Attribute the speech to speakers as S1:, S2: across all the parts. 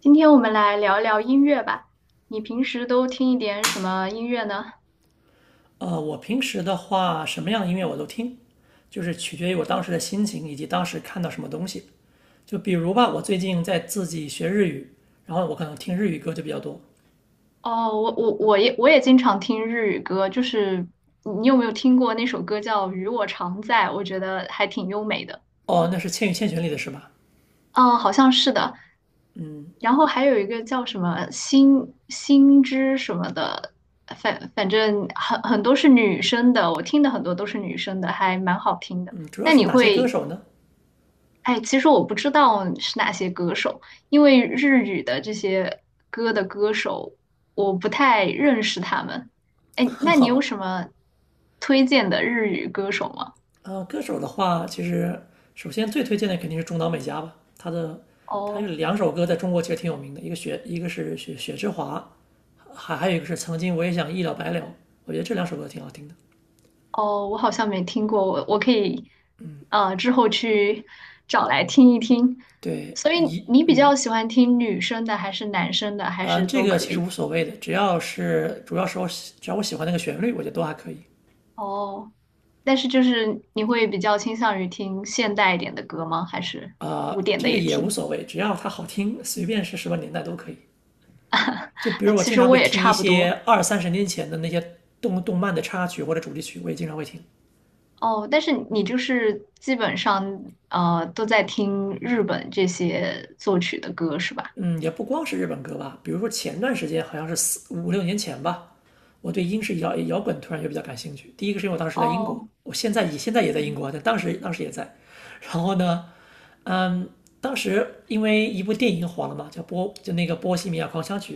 S1: 今天我们来聊聊音乐吧。你平时都听一点什么音乐呢？
S2: 我平时的话，什么样的音乐我都听，就是取决于我当时的心情以及当时看到什么东西。就比如吧，我最近在自己学日语，然后我可能听日语歌就比较多。
S1: 哦，我也经常听日语歌，就是你有没有听过那首歌叫《与我常在》？我觉得还挺优美的。
S2: 哦，那是《千与千寻》里的是吧？
S1: 嗯，好像是的。然后还有一个叫什么心什么的，反正很多是女生的，我听的很多都是女生的，还蛮好听的。
S2: 嗯，主要
S1: 那
S2: 是
S1: 你
S2: 哪些歌
S1: 会
S2: 手呢？
S1: 哎，其实我不知道是哪些歌手，因为日语的这些歌的歌手，我不太认识他们。哎，那你
S2: 好
S1: 有
S2: 吧。
S1: 什么推荐的日语歌手吗？
S2: 歌手的话，其实首先最推荐的肯定是中岛美嘉吧。她有
S1: 哦
S2: 两首歌在中国其实挺有名的，一个雪，一个是雪之华，还有一个是曾经我也想一了百了，我觉得这两首歌挺好听的。
S1: 哦，我好像没听过，我可以之后去找来听一听。
S2: 对。
S1: 所以
S2: 一
S1: 你比
S2: 嗯，
S1: 较喜欢听女生的，还是男生的，还
S2: 嗯，
S1: 是
S2: 这
S1: 都
S2: 个
S1: 可
S2: 其实无
S1: 以？
S2: 所谓的，只要我喜欢那个旋律，我觉得都还可以。
S1: 哦，但是就是你会比较倾向于听现代一点的歌吗？还是
S2: 啊，
S1: 古典
S2: 这
S1: 的
S2: 个
S1: 也
S2: 也无
S1: 听？
S2: 所谓，只要它好听，随便是什么年代都可以。就比
S1: 哎，
S2: 如我
S1: 其
S2: 经
S1: 实
S2: 常
S1: 我
S2: 会
S1: 也
S2: 听一
S1: 差不
S2: 些
S1: 多
S2: 二三十年前的那些动漫的插曲或者主题曲，我也经常会听。
S1: 哦，但是你就是基本上都在听日本这些作曲的歌是吧？
S2: 嗯，也不光是日本歌吧，比如说前段时间好像是四五六年前吧，我对英式摇滚突然就比较感兴趣。第一个是因为我当时在英国，
S1: 哦
S2: 我现在也在英国
S1: 嗯
S2: 啊，但当时也在。然后呢，嗯，当时因为一部电影火了嘛，叫就那个《波西米亚狂想曲》，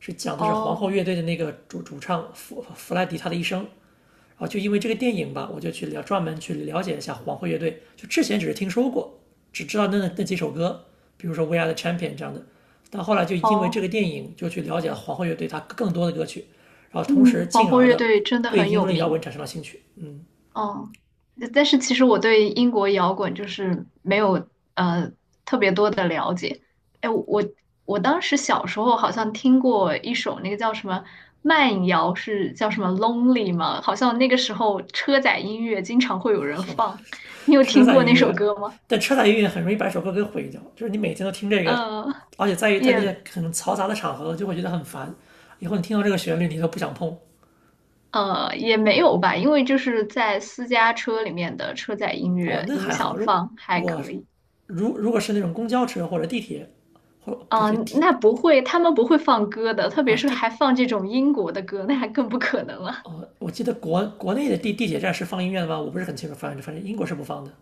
S2: 是讲的是皇后
S1: 哦
S2: 乐队的那个主唱弗莱迪他的一生。然后就因为这个电影吧，我就去了专门去了解一下皇后乐队。就之前只是听说过，只知道那几首歌，比如说《We Are the Champion》这样的。但后来就因为这个
S1: 哦，
S2: 电影，就去了解了皇后乐队它更多的歌曲，然后同时
S1: 嗯，皇
S2: 进
S1: 后
S2: 而
S1: 乐
S2: 的
S1: 队真的
S2: 对
S1: 很
S2: 英
S1: 有
S2: 伦摇滚
S1: 名。
S2: 产生了兴趣。嗯，
S1: 哦，但是其实我对英国摇滚就是没有呃特别多的了解。哎，我当时小时候好像听过一首那个叫什么慢摇，是叫什么 Lonely 吗？好像那个时候车载音乐经常会有人
S2: 很
S1: 放，你有
S2: 车
S1: 听
S2: 载
S1: 过
S2: 音
S1: 那首
S2: 乐，
S1: 歌吗？
S2: 但车载音乐很容易把一首歌给毁掉，就是你每天都听这个，
S1: 呃，
S2: 而且在于在那
S1: 也
S2: 些很嘈杂的场合就会觉得很烦，以后你听到这个旋律你都不想碰。
S1: 也没有吧，因为就是在私家车里面的车载音
S2: 哦，
S1: 乐
S2: 那
S1: 音
S2: 还好。
S1: 响
S2: 如
S1: 放还
S2: 我
S1: 可以。
S2: 如如果是那种公交车或者地铁，或不是
S1: 嗯，
S2: 地
S1: 那不会，他们不会放歌的，特别
S2: 啊
S1: 是还
S2: 地
S1: 放这种英国的歌，那还更不可能了。
S2: 哦，我记得国内的地铁站是放音乐的吗？我不是很清楚，反正英国是不放的。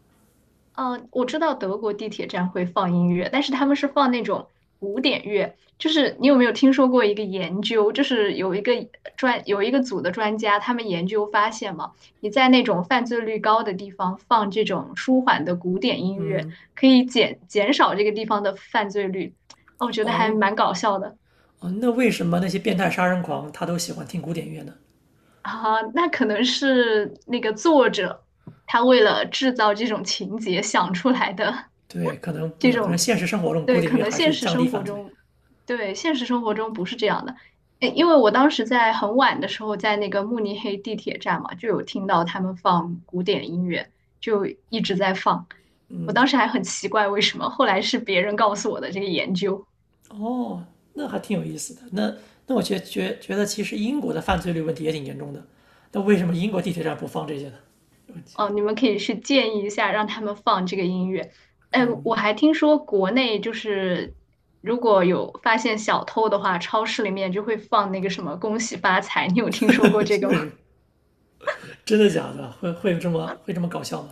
S1: 嗯，我知道德国地铁站会放音乐，但是他们是放那种古典乐。就是你有没有听说过一个研究，就是有一个有一个组的专家，他们研究发现嘛，你在那种犯罪率高的地方放这种舒缓的古典音乐，可以减少这个地方的犯罪率。哦，我觉得还
S2: 哦
S1: 蛮搞笑的。
S2: 哦，那为什么那些变态杀人狂他都喜欢听古典音乐呢？
S1: 啊，那可能是那个作者他为了制造这种情节想出来的
S2: 对，可能 不一
S1: 这
S2: 样，可能
S1: 种，
S2: 现实生活中古
S1: 对，
S2: 典音
S1: 可
S2: 乐
S1: 能
S2: 还
S1: 现
S2: 是
S1: 实
S2: 降低
S1: 生活
S2: 犯罪。
S1: 中，对，现实生活中不是这样的。诶因为我当时在很晚的时候，在那个慕尼黑地铁站嘛，就有听到他们放古典音乐，就一直在放。我当时还很奇怪为什么，后来是别人告诉我的这个研究。
S2: 哦，那还挺有意思的。那那我觉得，其实英国的犯罪率问题也挺严重的。那为什么英国地铁站不放这些呢？
S1: 哦，你们可以去建议一下，让他们放这个音乐。哎，我还听说国内就是如果有发现小偷的话，超市里面就会放那个什么"恭喜发财"，你有听说过 这
S2: 是
S1: 个
S2: 为什
S1: 吗？
S2: 么？真的假的？会有这么搞笑吗？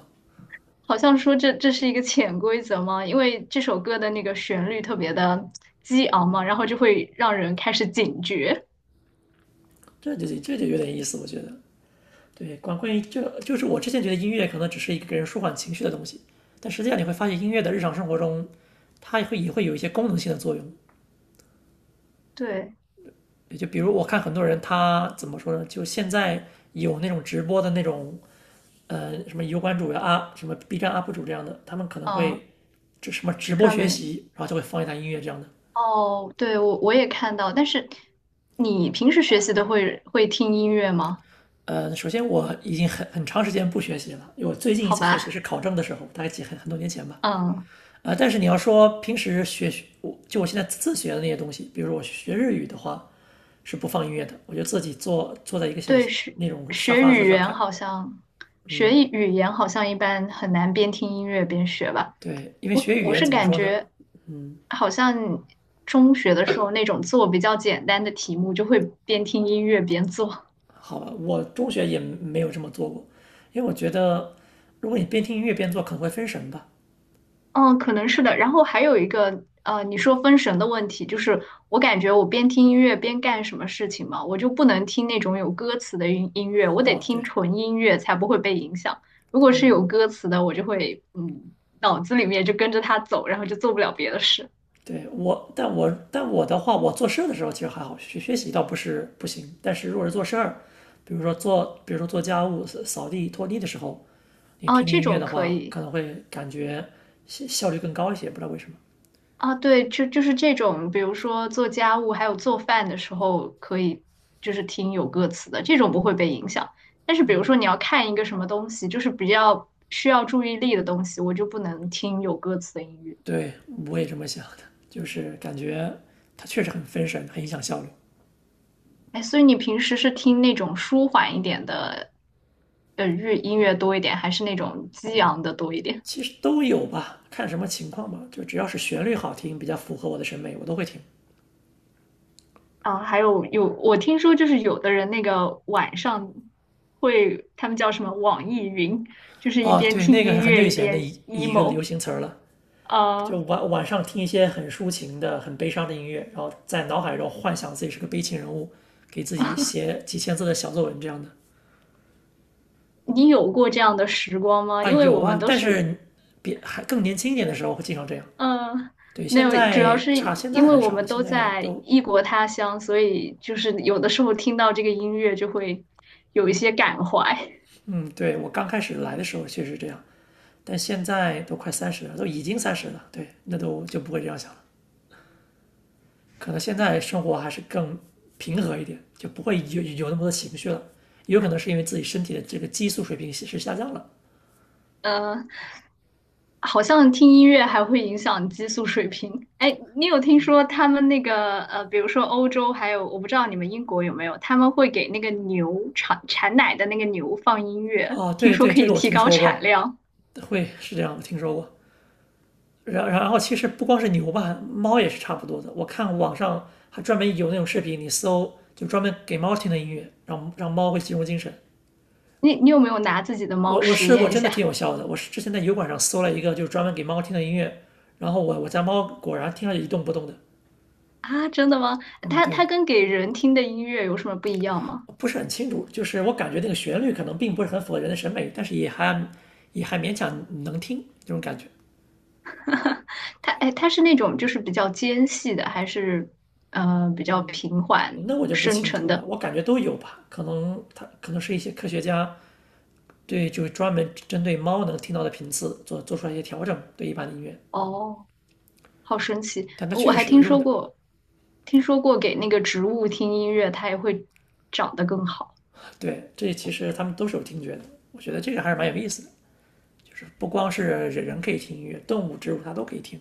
S1: 好像说这是一个潜规则吗？因为这首歌的那个旋律特别的激昂嘛，然后就会让人开始警觉。
S2: 这就有点意思，我觉得。对，关于这就是我之前觉得音乐可能只是一个给人舒缓情绪的东西，但实际上你会发现音乐的日常生活中，它也会有一些功能性的作用。
S1: 对，
S2: 也就比如我看很多人他怎么说呢？就现在有那种直播的那种什么油管主呀啊，什么 B 站 UP 主这样的，他们可能
S1: 嗯，
S2: 会什么直播
S1: 专
S2: 学
S1: 门。
S2: 习，然后就会放一段音乐这样的。
S1: 哦，对，我也看到，但是你平时学习的会听音乐吗？
S2: 首先我已经很长时间不学习了，因为我最近一
S1: 好
S2: 次学
S1: 吧，
S2: 习是考证的时候，大概很多年前吧。
S1: 嗯。
S2: 但是你要说平时学我就我现在自学的那些东西，比如说我学日语的话是不放音乐的，我就自己坐在一个小
S1: 对，
S2: 那种沙
S1: 学
S2: 发子
S1: 语
S2: 上
S1: 言
S2: 看。
S1: 好像
S2: 嗯，
S1: 语言好像一般很难边听音乐边学吧。
S2: 对，因为
S1: 我
S2: 学语
S1: 我
S2: 言
S1: 是
S2: 怎么
S1: 感
S2: 说呢？
S1: 觉好像中学的时候那种做比较简单的题目，就会边听音乐边做。
S2: 好吧，我中学也没有这么做过，因为我觉得如果你边听音乐边做，可能会分神吧。
S1: 嗯，可能是的。然后还有一个，你说分神的问题，就是我感觉我边听音乐边干什么事情嘛，我就不能听那种有歌词的音乐，我得
S2: 哦，
S1: 听
S2: 对
S1: 纯音乐才不会被影响。如果是有歌词的，我就会，脑子里面就跟着它走，然后就做不了别的事。
S2: 对。我的话，我做事儿的时候其实还好，学习倒不是不行，但是如果是做事儿，比如说做家务、扫地、拖地的时候，你
S1: 哦，
S2: 听
S1: 这
S2: 音乐
S1: 种
S2: 的
S1: 可
S2: 话，可
S1: 以。
S2: 能会感觉效率更高一些，不知道为什么。
S1: 啊，对，就是这种，比如说做家务还有做饭的时候，可以就是听有歌词的，这种不会被影响。但是比如说你要看一个什么东西，就是比较需要注意力的东西，我就不能听有歌词的音乐。
S2: 对，我也这么想的，就是感觉它确实很分神，很影响效率。
S1: 哎，所以你平时是听那种舒缓一点的，音乐多一点，还是那种激昂的多一点？
S2: 其实都有吧，看什么情况吧。就只要是旋律好听，比较符合我的审美，我都会听。
S1: 啊，还有，我听说就是有的人那个晚上会，他们叫什么网易云，就是一
S2: 哦，
S1: 边
S2: 对，
S1: 听
S2: 那个是
S1: 音
S2: 很久
S1: 乐
S2: 以
S1: 一
S2: 前的
S1: 边
S2: 一个流
S1: emo。
S2: 行词儿了。就
S1: 啊。
S2: 晚上听一些很抒情的、很悲伤的音乐，然后在脑海中幻想自己是个悲情人物，给自己写几千字的小作文这样的。
S1: 你有过这样的时光吗？
S2: 啊，
S1: 因为
S2: 有
S1: 我们
S2: 啊，
S1: 都
S2: 但
S1: 是，
S2: 是别还更年轻一点的时候会经常这样。
S1: 嗯、
S2: 对，
S1: 那主要是
S2: 现在
S1: 因为
S2: 很
S1: 我
S2: 少了，
S1: 们
S2: 现
S1: 都
S2: 在
S1: 在
S2: 都。
S1: 异国他乡，所以就是有的时候听到这个音乐就会有一些感怀。
S2: 嗯，对，我刚开始来的时候确实这样，但现在都快三十了，都已经三十了，对，那都就不会这样想了。可能现在生活还是更平和一点，就不会有那么多情绪了。也有可能是因为自己身体的这个激素水平是下降了。
S1: 嗯、好像听音乐还会影响激素水平。哎，你有听说他们那个比如说欧洲，还有我不知道你们英国有没有，他们会给那个牛产奶的那个牛放音乐，
S2: 哦，
S1: 听
S2: 对
S1: 说
S2: 对，
S1: 可
S2: 这
S1: 以
S2: 个我
S1: 提
S2: 听
S1: 高
S2: 说
S1: 产
S2: 过，
S1: 量。
S2: 会是这样，我听说过。然后其实不光是牛吧，猫也是差不多的。我看网上还专门有那种视频，你搜就专门给猫听的音乐，让猫会集中精神。
S1: 你有没有拿自己的猫
S2: 我
S1: 实
S2: 试过，
S1: 验一
S2: 真的挺
S1: 下
S2: 有效的。我是之前在油管上搜了一个，就是专门给猫听的音乐，然后我家猫果然听上去一动不动的。
S1: 啊？真的吗？
S2: 嗯，
S1: 它
S2: 对，
S1: 跟给人听的音乐有什么不一样吗？
S2: 不是很清楚，就是我感觉那个旋律可能并不是很符合人的审美，但是也还勉强能听这种感觉。
S1: 它是那种就是比较尖细的，还是比较平缓
S2: 那我就不
S1: 深
S2: 清
S1: 沉
S2: 楚了，
S1: 的？
S2: 我感觉都有吧，可能它可能是一些科学家对就是专门针对猫能听到的频次做出来一些调整，对一般的音乐，
S1: 哦。好神奇！
S2: 但它
S1: 我
S2: 确实
S1: 还
S2: 是有
S1: 听
S2: 用
S1: 说
S2: 的。
S1: 过，听说过给那个植物听音乐，它也会长得更好。
S2: 对，这其实他们都是有听觉的，我觉得这个还是蛮有意思的。就是不光是人人可以听音乐，动物、植物它都可以听。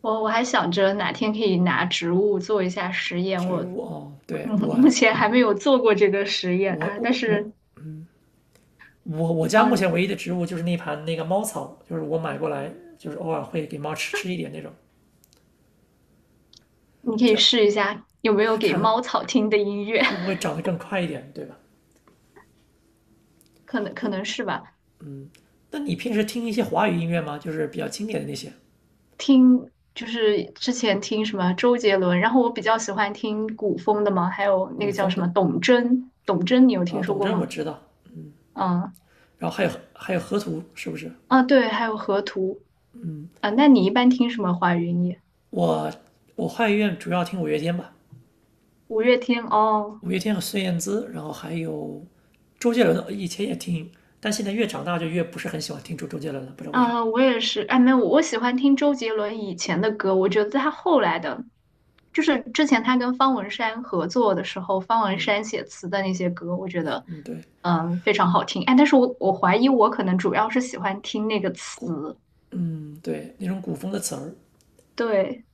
S1: 我还想着哪天可以拿植物做一下实验，
S2: 植
S1: 我
S2: 物哦，对
S1: 嗯
S2: 我，
S1: 目前还没有做过这个实验
S2: 我
S1: 啊，但
S2: 我我
S1: 是
S2: 我家目前
S1: 嗯、
S2: 唯一的植物就是那盘那个猫草，就是我买过来，就是偶尔会给猫吃吃一点那种，
S1: 你可
S2: 这
S1: 以
S2: 样
S1: 试一下有没有给
S2: 看
S1: 猫草听的音乐，
S2: 会 不会长得更快一点，对吧？
S1: 可能是吧。
S2: 那你平时听一些华语音乐吗？就是比较经典的那些
S1: 听就是之前听什么周杰伦，然后我比较喜欢听古风的嘛，还有那
S2: 古
S1: 个叫
S2: 风
S1: 什么
S2: 的
S1: 董贞，董贞你有
S2: 啊。
S1: 听说
S2: 董
S1: 过
S2: 贞我
S1: 吗？
S2: 知道，
S1: 嗯。
S2: 然后还有河图是不是？
S1: 啊，对，还有河图啊。那你一般听什么华语音乐？
S2: 我我华语乐主要听五月天吧，
S1: 五月天哦，
S2: 五月天和孙燕姿，然后还有周杰伦，以前也听，但现在越长大就越不是很喜欢听周杰伦了，不知道为什么。
S1: 啊，我也是。哎，没有，我喜欢听周杰伦以前的歌，我觉得他后来的，就是之前他跟方文山合作的时候，方文
S2: 嗯
S1: 山写词的那些歌，我觉得
S2: 嗯，对，
S1: 嗯非常好听。哎，但是我怀疑我可能主要是喜欢听那个
S2: 古
S1: 词，
S2: 对那种古风的词儿，
S1: 对，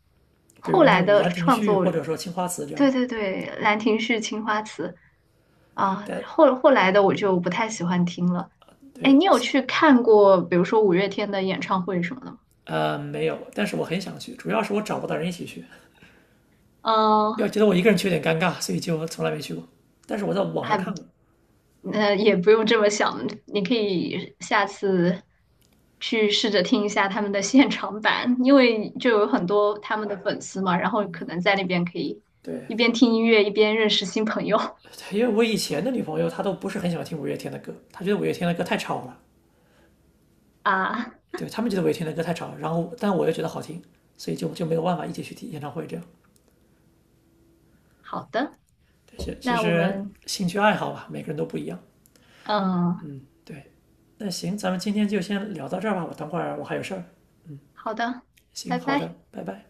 S2: 比
S1: 后
S2: 如那
S1: 来
S2: 种
S1: 的
S2: 《兰亭
S1: 创
S2: 序》
S1: 作
S2: 或者说《青花瓷》这样
S1: 对
S2: 的，
S1: 对对，《兰亭序》《青花瓷》啊，
S2: 但
S1: 后来的我就不太喜欢听了。哎，你有
S2: 对。
S1: 去看过，比如说五月天的演唱会什么的吗？
S2: 没有，但是我很想去，主要是我找不到人一起去，要
S1: 嗯，
S2: 觉得我一个人去有点尴尬，所以就从来没去过。但是我在网上看过，
S1: 还也不用这么想，你可以下次去试着听一下他们的现场版，因为就有很多他们的粉丝嘛，然后可能在那边可以
S2: 对，
S1: 一边听音乐一边认识新朋友
S2: 因为我以前的女朋友她都不是很喜欢听五月天的歌，她觉得五月天的歌太吵了。
S1: 啊。
S2: 对他们觉得我听的歌太吵，然后但我又觉得好听，所以就没有办法一起去听演唱会这样。
S1: 好的，
S2: 其
S1: 那我
S2: 实
S1: 们
S2: 兴趣爱好吧，每个人都不一样。
S1: 嗯，
S2: 对，那行，咱们今天就先聊到这儿吧，我等会儿我还有事儿。
S1: 好的，
S2: 行，
S1: 拜
S2: 好
S1: 拜。
S2: 的，拜拜。